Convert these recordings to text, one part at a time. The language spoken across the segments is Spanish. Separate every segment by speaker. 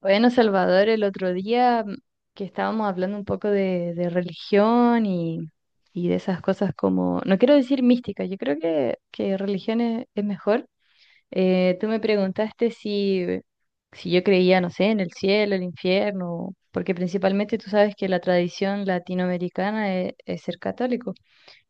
Speaker 1: Bueno, Salvador, el otro día que estábamos hablando un poco de religión y de esas cosas como, no quiero decir mística, yo creo que religión es mejor. Tú me preguntaste si yo creía, no sé, en el cielo, el infierno, porque principalmente tú sabes que la tradición latinoamericana es ser católico.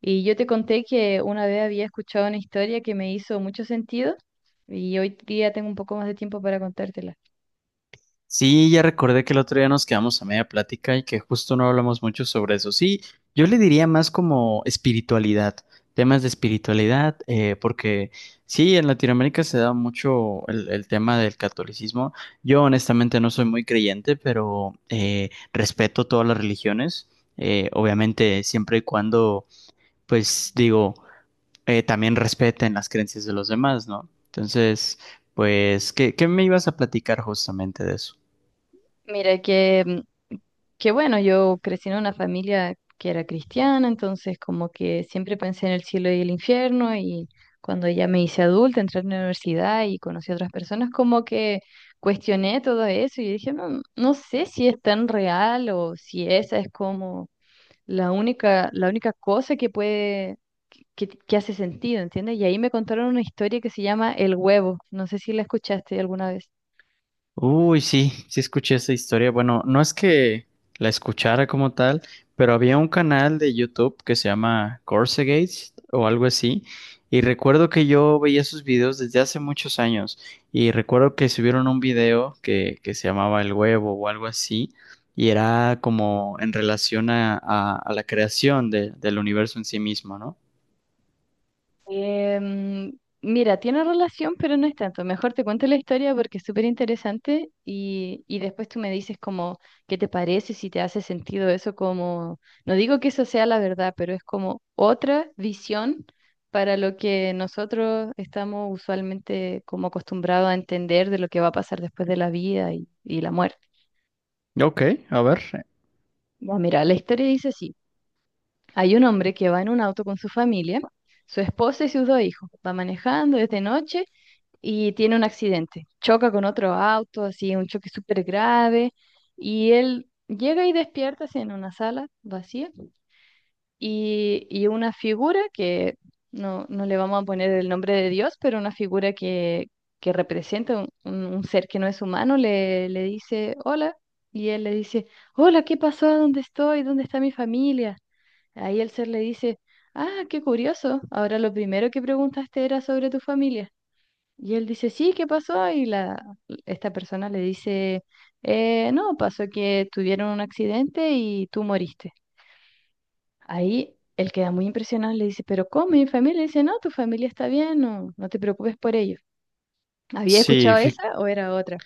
Speaker 1: Y yo te conté que una vez había escuchado una historia que me hizo mucho sentido y hoy día tengo un poco más de tiempo para contártela.
Speaker 2: Sí, ya recordé que el otro día nos quedamos a media plática y que justo no hablamos mucho sobre eso. Sí, yo le diría más como espiritualidad, temas de espiritualidad, porque sí, en Latinoamérica se da mucho el tema del catolicismo. Yo honestamente no soy muy creyente, pero respeto todas las religiones, obviamente siempre y cuando, pues digo, también respeten las creencias de los demás, ¿no? Entonces, pues, ¿qué me ibas a platicar justamente de eso?
Speaker 1: Mira, que bueno, yo crecí en una familia que era cristiana, entonces como que siempre pensé en el cielo y el infierno y cuando ya me hice adulta, entré a la universidad y conocí a otras personas, como que cuestioné todo eso y dije, no, no sé si es tan real o si esa es como la única cosa que puede, que hace sentido, ¿entiendes? Y ahí me contaron una historia que se llama El Huevo, no sé si la escuchaste alguna vez.
Speaker 2: Uy, sí, sí escuché esa historia. Bueno, no es que la escuchara como tal, pero había un canal de YouTube que se llama Gates o algo así. Y recuerdo que yo veía sus videos desde hace muchos años. Y recuerdo que subieron un video que se llamaba El Huevo o algo así. Y era como en relación a la creación del universo en sí mismo, ¿no?
Speaker 1: Em, Mira, tiene relación, pero no es tanto. Mejor te cuento la historia porque es súper interesante y después tú me dices como qué te parece, si te hace sentido eso como, no digo que eso sea la verdad, pero es como otra visión para lo que nosotros estamos usualmente como acostumbrados a entender de lo que va a pasar después de la vida y la muerte.
Speaker 2: Ok, a ver.
Speaker 1: Ya, mira, la historia dice así. Hay un hombre que va en un auto con su familia, su esposa y sus dos hijos. Va manejando desde noche y tiene un accidente. Choca con otro auto, así, un choque súper grave, y él llega y despierta así, en una sala vacía, y una figura que no le vamos a poner el nombre de Dios, pero una figura que representa un, un ser que no es humano, le dice, hola, y él le dice, hola, ¿qué pasó? ¿Dónde estoy? ¿Dónde está mi familia? Ahí el ser le dice, ah, qué curioso, ahora lo primero que preguntaste era sobre tu familia. Y él dice, sí, ¿qué pasó? Esta persona le dice, no, pasó que tuvieron un accidente y tú moriste. Ahí él queda muy impresionado, y le dice, pero ¿cómo? Mi familia. Y dice, no, tu familia está bien, no te preocupes por ello. ¿Había
Speaker 2: Sí,
Speaker 1: escuchado
Speaker 2: fi-
Speaker 1: esa o era otra?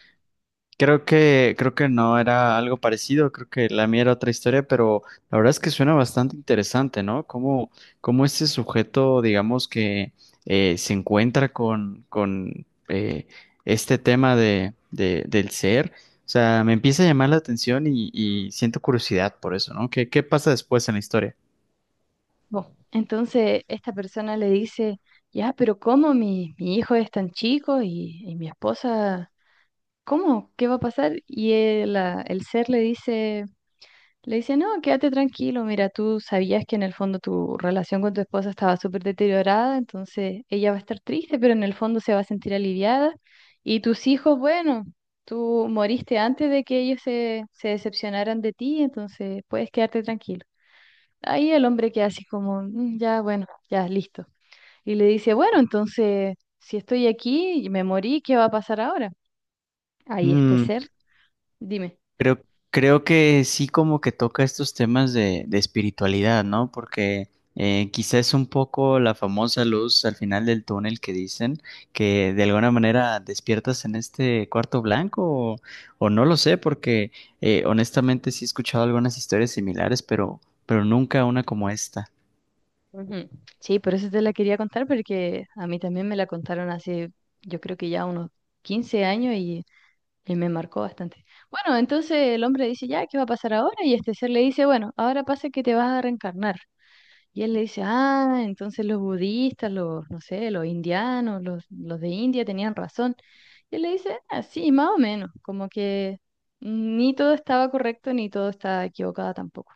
Speaker 2: Creo que no era algo parecido, creo que la mía era otra historia, pero la verdad es que suena bastante interesante, ¿no? Cómo este sujeto, digamos que se encuentra con este tema de, del ser. O sea, me empieza a llamar la atención y siento curiosidad por eso, ¿no? ¿Qué pasa después en la historia?
Speaker 1: Bueno, entonces esta persona le dice, ya, pero ¿cómo mi hijo es tan chico y mi esposa, ¿cómo? ¿Qué va a pasar? Y el ser le dice... Le dice, no, quédate tranquilo, mira, tú sabías que en el fondo tu relación con tu esposa estaba súper deteriorada, entonces ella va a estar triste, pero en el fondo se va a sentir aliviada. Y tus hijos, bueno, tú moriste antes de que ellos se decepcionaran de ti, entonces puedes quedarte tranquilo. Ahí el hombre queda así como, "Mm, ya, bueno, ya, listo. Y le dice, bueno, entonces, si estoy aquí y me morí, ¿qué va a pasar ahora? Ahí este ser, dime.
Speaker 2: Creo, creo que sí como que toca estos temas de espiritualidad, ¿no? Porque quizá es un poco la famosa luz al final del túnel que dicen que de alguna manera despiertas en este cuarto blanco o, o no lo sé, porque honestamente sí he escuchado algunas historias similares, pero nunca una como esta.
Speaker 1: Ujú. Sí, por eso te la quería contar, porque a mí también me la contaron hace, yo creo que ya unos 15 años y me marcó bastante. Bueno, entonces el hombre dice, ya, ¿qué va a pasar ahora? Y este ser le dice, bueno, ahora pasa que te vas a reencarnar. Y él le dice, ah, entonces los budistas, los, no sé, los indianos, los de India tenían razón. Y él le dice, ah, sí, más o menos, como que ni todo estaba correcto ni todo estaba equivocado tampoco.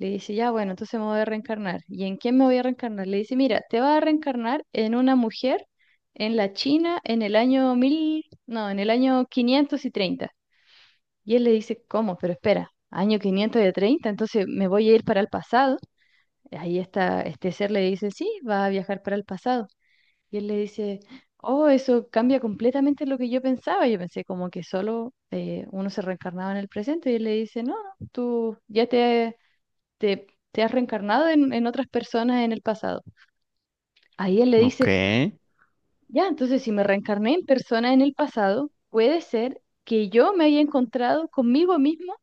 Speaker 1: Le dice, ya, bueno, entonces me voy a reencarnar. ¿Y en quién me voy a reencarnar? Le dice, mira, te vas a reencarnar en una mujer en la China en el año mil, no, en el año 530. Y él le dice, ¿cómo? Pero espera, año 530 entonces me voy a ir para el pasado. Ahí está, este ser le dice, sí, va a viajar para el pasado. Y él le dice, oh, eso cambia completamente lo que yo pensaba. Yo pensé como que solo uno se reencarnaba en el presente. Y él le dice, no, no, te has reencarnado en otras personas en el pasado. Ahí él le
Speaker 2: Ok.
Speaker 1: dice, ya, entonces si me reencarné en personas en el pasado, puede ser que yo me haya encontrado conmigo mismo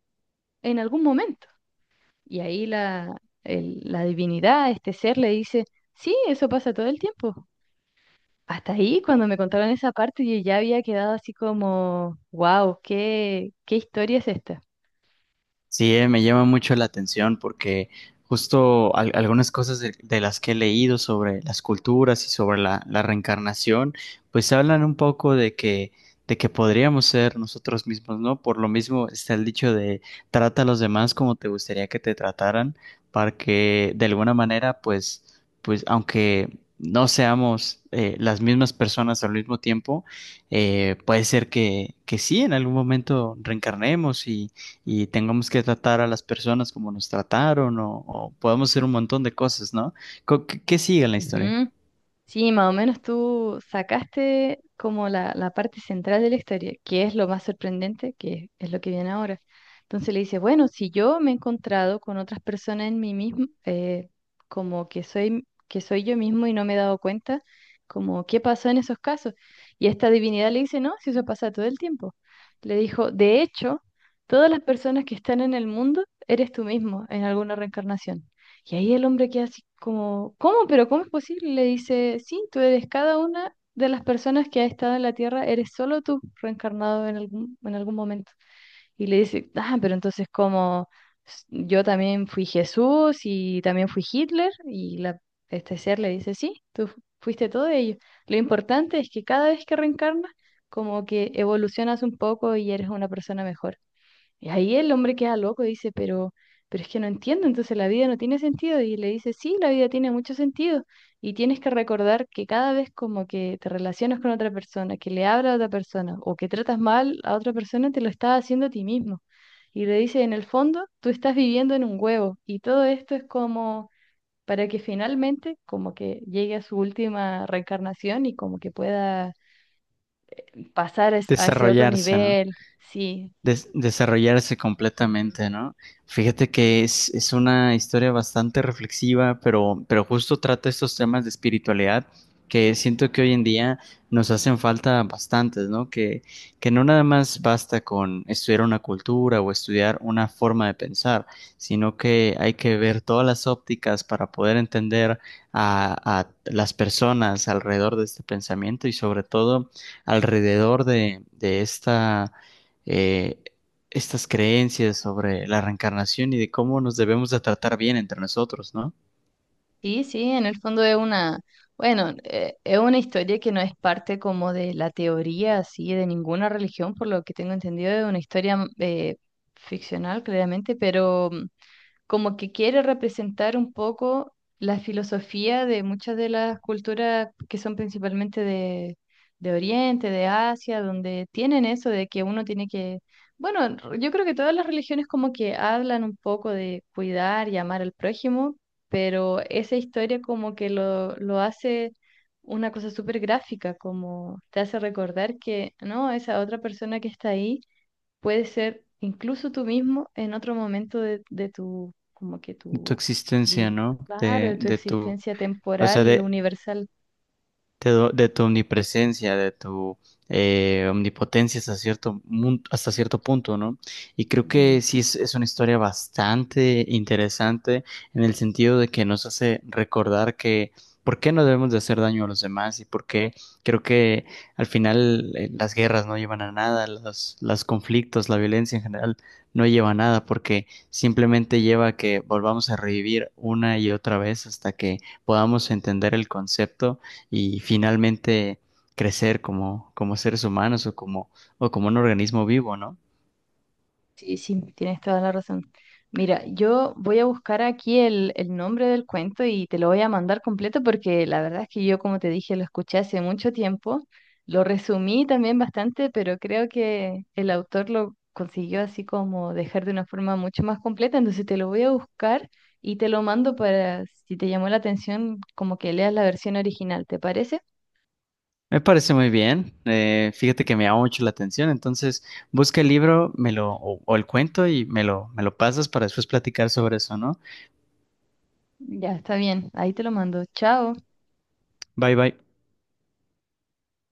Speaker 1: en algún momento. Y ahí la divinidad, este ser, le dice, sí, eso pasa todo el tiempo. Hasta ahí, cuando me contaron esa parte, yo ya había quedado así como, wow, ¿qué historia es esta?
Speaker 2: Sí, me llama mucho la atención porque justo algunas cosas de las que he leído sobre las culturas y sobre la reencarnación, pues hablan un poco de que podríamos ser nosotros mismos, ¿no? Por lo mismo está el dicho de trata a los demás como te gustaría que te trataran, para que de alguna manera, pues, pues aunque no seamos las mismas personas al mismo tiempo, puede ser que sí, en algún momento reencarnemos y tengamos que tratar a las personas como nos trataron o podemos hacer un montón de cosas, ¿no? ¿Qué sigue en la historia?
Speaker 1: Ujú. Sí, más o menos tú sacaste como la parte central de la historia, que es lo más sorprendente, que es lo que viene ahora. Entonces le dice, bueno, si yo me he encontrado con otras personas en mí mismo, como que soy yo mismo y no me he dado cuenta, como qué pasó en esos casos. Y esta divinidad le dice, no, si eso pasa todo el tiempo. Le dijo, de hecho, todas las personas que están en el mundo, eres tú mismo en alguna reencarnación. Y ahí el hombre queda así como, ¿cómo? ¿Pero cómo es posible? Le dice, sí, tú eres cada una de las personas que ha estado en la Tierra, eres solo tú reencarnado en en algún momento. Y le dice, ah, pero entonces como yo también fui Jesús y también fui Hitler, este ser le dice, sí, fuiste todo ello. Lo importante es que cada vez que reencarnas, como que evolucionas un poco y eres una persona mejor. Y ahí el hombre queda loco y dice, pero es que no entiendo, entonces la vida no tiene sentido. Y le dice, sí, la vida tiene mucho sentido. Y tienes que recordar que cada vez como que te relacionas con otra persona, que le hablas a otra persona o que tratas mal a otra persona, te lo estás haciendo a ti mismo. Y le dice, en el fondo, tú estás viviendo en un huevo. Y todo esto es como para que finalmente como que llegue a su última reencarnación y como que pueda a ese otro
Speaker 2: Desarrollarse, ¿no?
Speaker 1: nivel. Sí.
Speaker 2: Desarrollarse
Speaker 1: Ujú,
Speaker 2: completamente, ¿no? Fíjate
Speaker 1: sí.
Speaker 2: que es una historia bastante reflexiva, pero justo trata estos temas de espiritualidad que siento que hoy en día nos hacen falta bastantes, ¿no? Que no nada más basta con estudiar una cultura o estudiar una forma de pensar, sino que hay que ver todas las ópticas para poder entender a las personas alrededor de este pensamiento y sobre todo alrededor de esta eh, estas creencias sobre la reencarnación y de cómo nos debemos de tratar bien entre nosotros, ¿no?
Speaker 1: Sí, sí, en el fondo es bueno, es una historia que no es parte como de la teoría así de ninguna religión, por lo que tengo entendido, es una historia ficcional, claramente, pero como que quiere representar un poco la filosofía de muchas de las culturas que son principalmente de Oriente, de Asia, donde tienen eso de que uno tiene que, bueno, yo creo que todas las religiones como que hablan un poco de cuidar y amar al prójimo, pero esa historia como que lo hace una cosa súper gráfica, como te hace recordar que, no, esa otra persona que está ahí puedes ser incluso tú mismo en otro momento de tu, como que
Speaker 2: De tu
Speaker 1: tu,
Speaker 2: existencia,
Speaker 1: di-
Speaker 2: ¿no?
Speaker 1: claro, de tu
Speaker 2: De tu,
Speaker 1: existencia
Speaker 2: o sea,
Speaker 1: temporal,
Speaker 2: de
Speaker 1: universal.
Speaker 2: de tu omnipresencia, de tu omnipotencia hasta cierto, hasta cierto punto, ¿no? Y creo
Speaker 1: Ujú.
Speaker 2: que sí es una historia bastante interesante en el sentido de que nos hace recordar que por qué no debemos de hacer daño a los demás y por qué creo que al final las guerras no llevan a nada, los conflictos, la violencia en general no lleva a nada porque simplemente lleva a que volvamos a revivir una y otra vez hasta que podamos entender el concepto y finalmente crecer como, como seres humanos o como un organismo vivo, ¿no?
Speaker 1: Sí, sí, tienes toda la razón. Mira, yo voy a buscar aquí el nombre del cuento y te lo voy a mandar completo porque la verdad es que yo, como te dije, lo escuché hace mucho tiempo, lo resumí también bastante, pero creo que el autor lo consiguió así como dejar de una forma mucho más completa, entonces te lo voy a buscar y te lo mando para, si te llamó la atención, como que leas la versión original, ¿te parece?
Speaker 2: Me parece muy bien. Fíjate que me llama mucho la atención. Entonces, busca el libro, me lo, o el cuento y me lo pasas para después platicar sobre eso, ¿no?
Speaker 1: Ya, está bien, ahí te lo mando. Chao.
Speaker 2: Bye bye.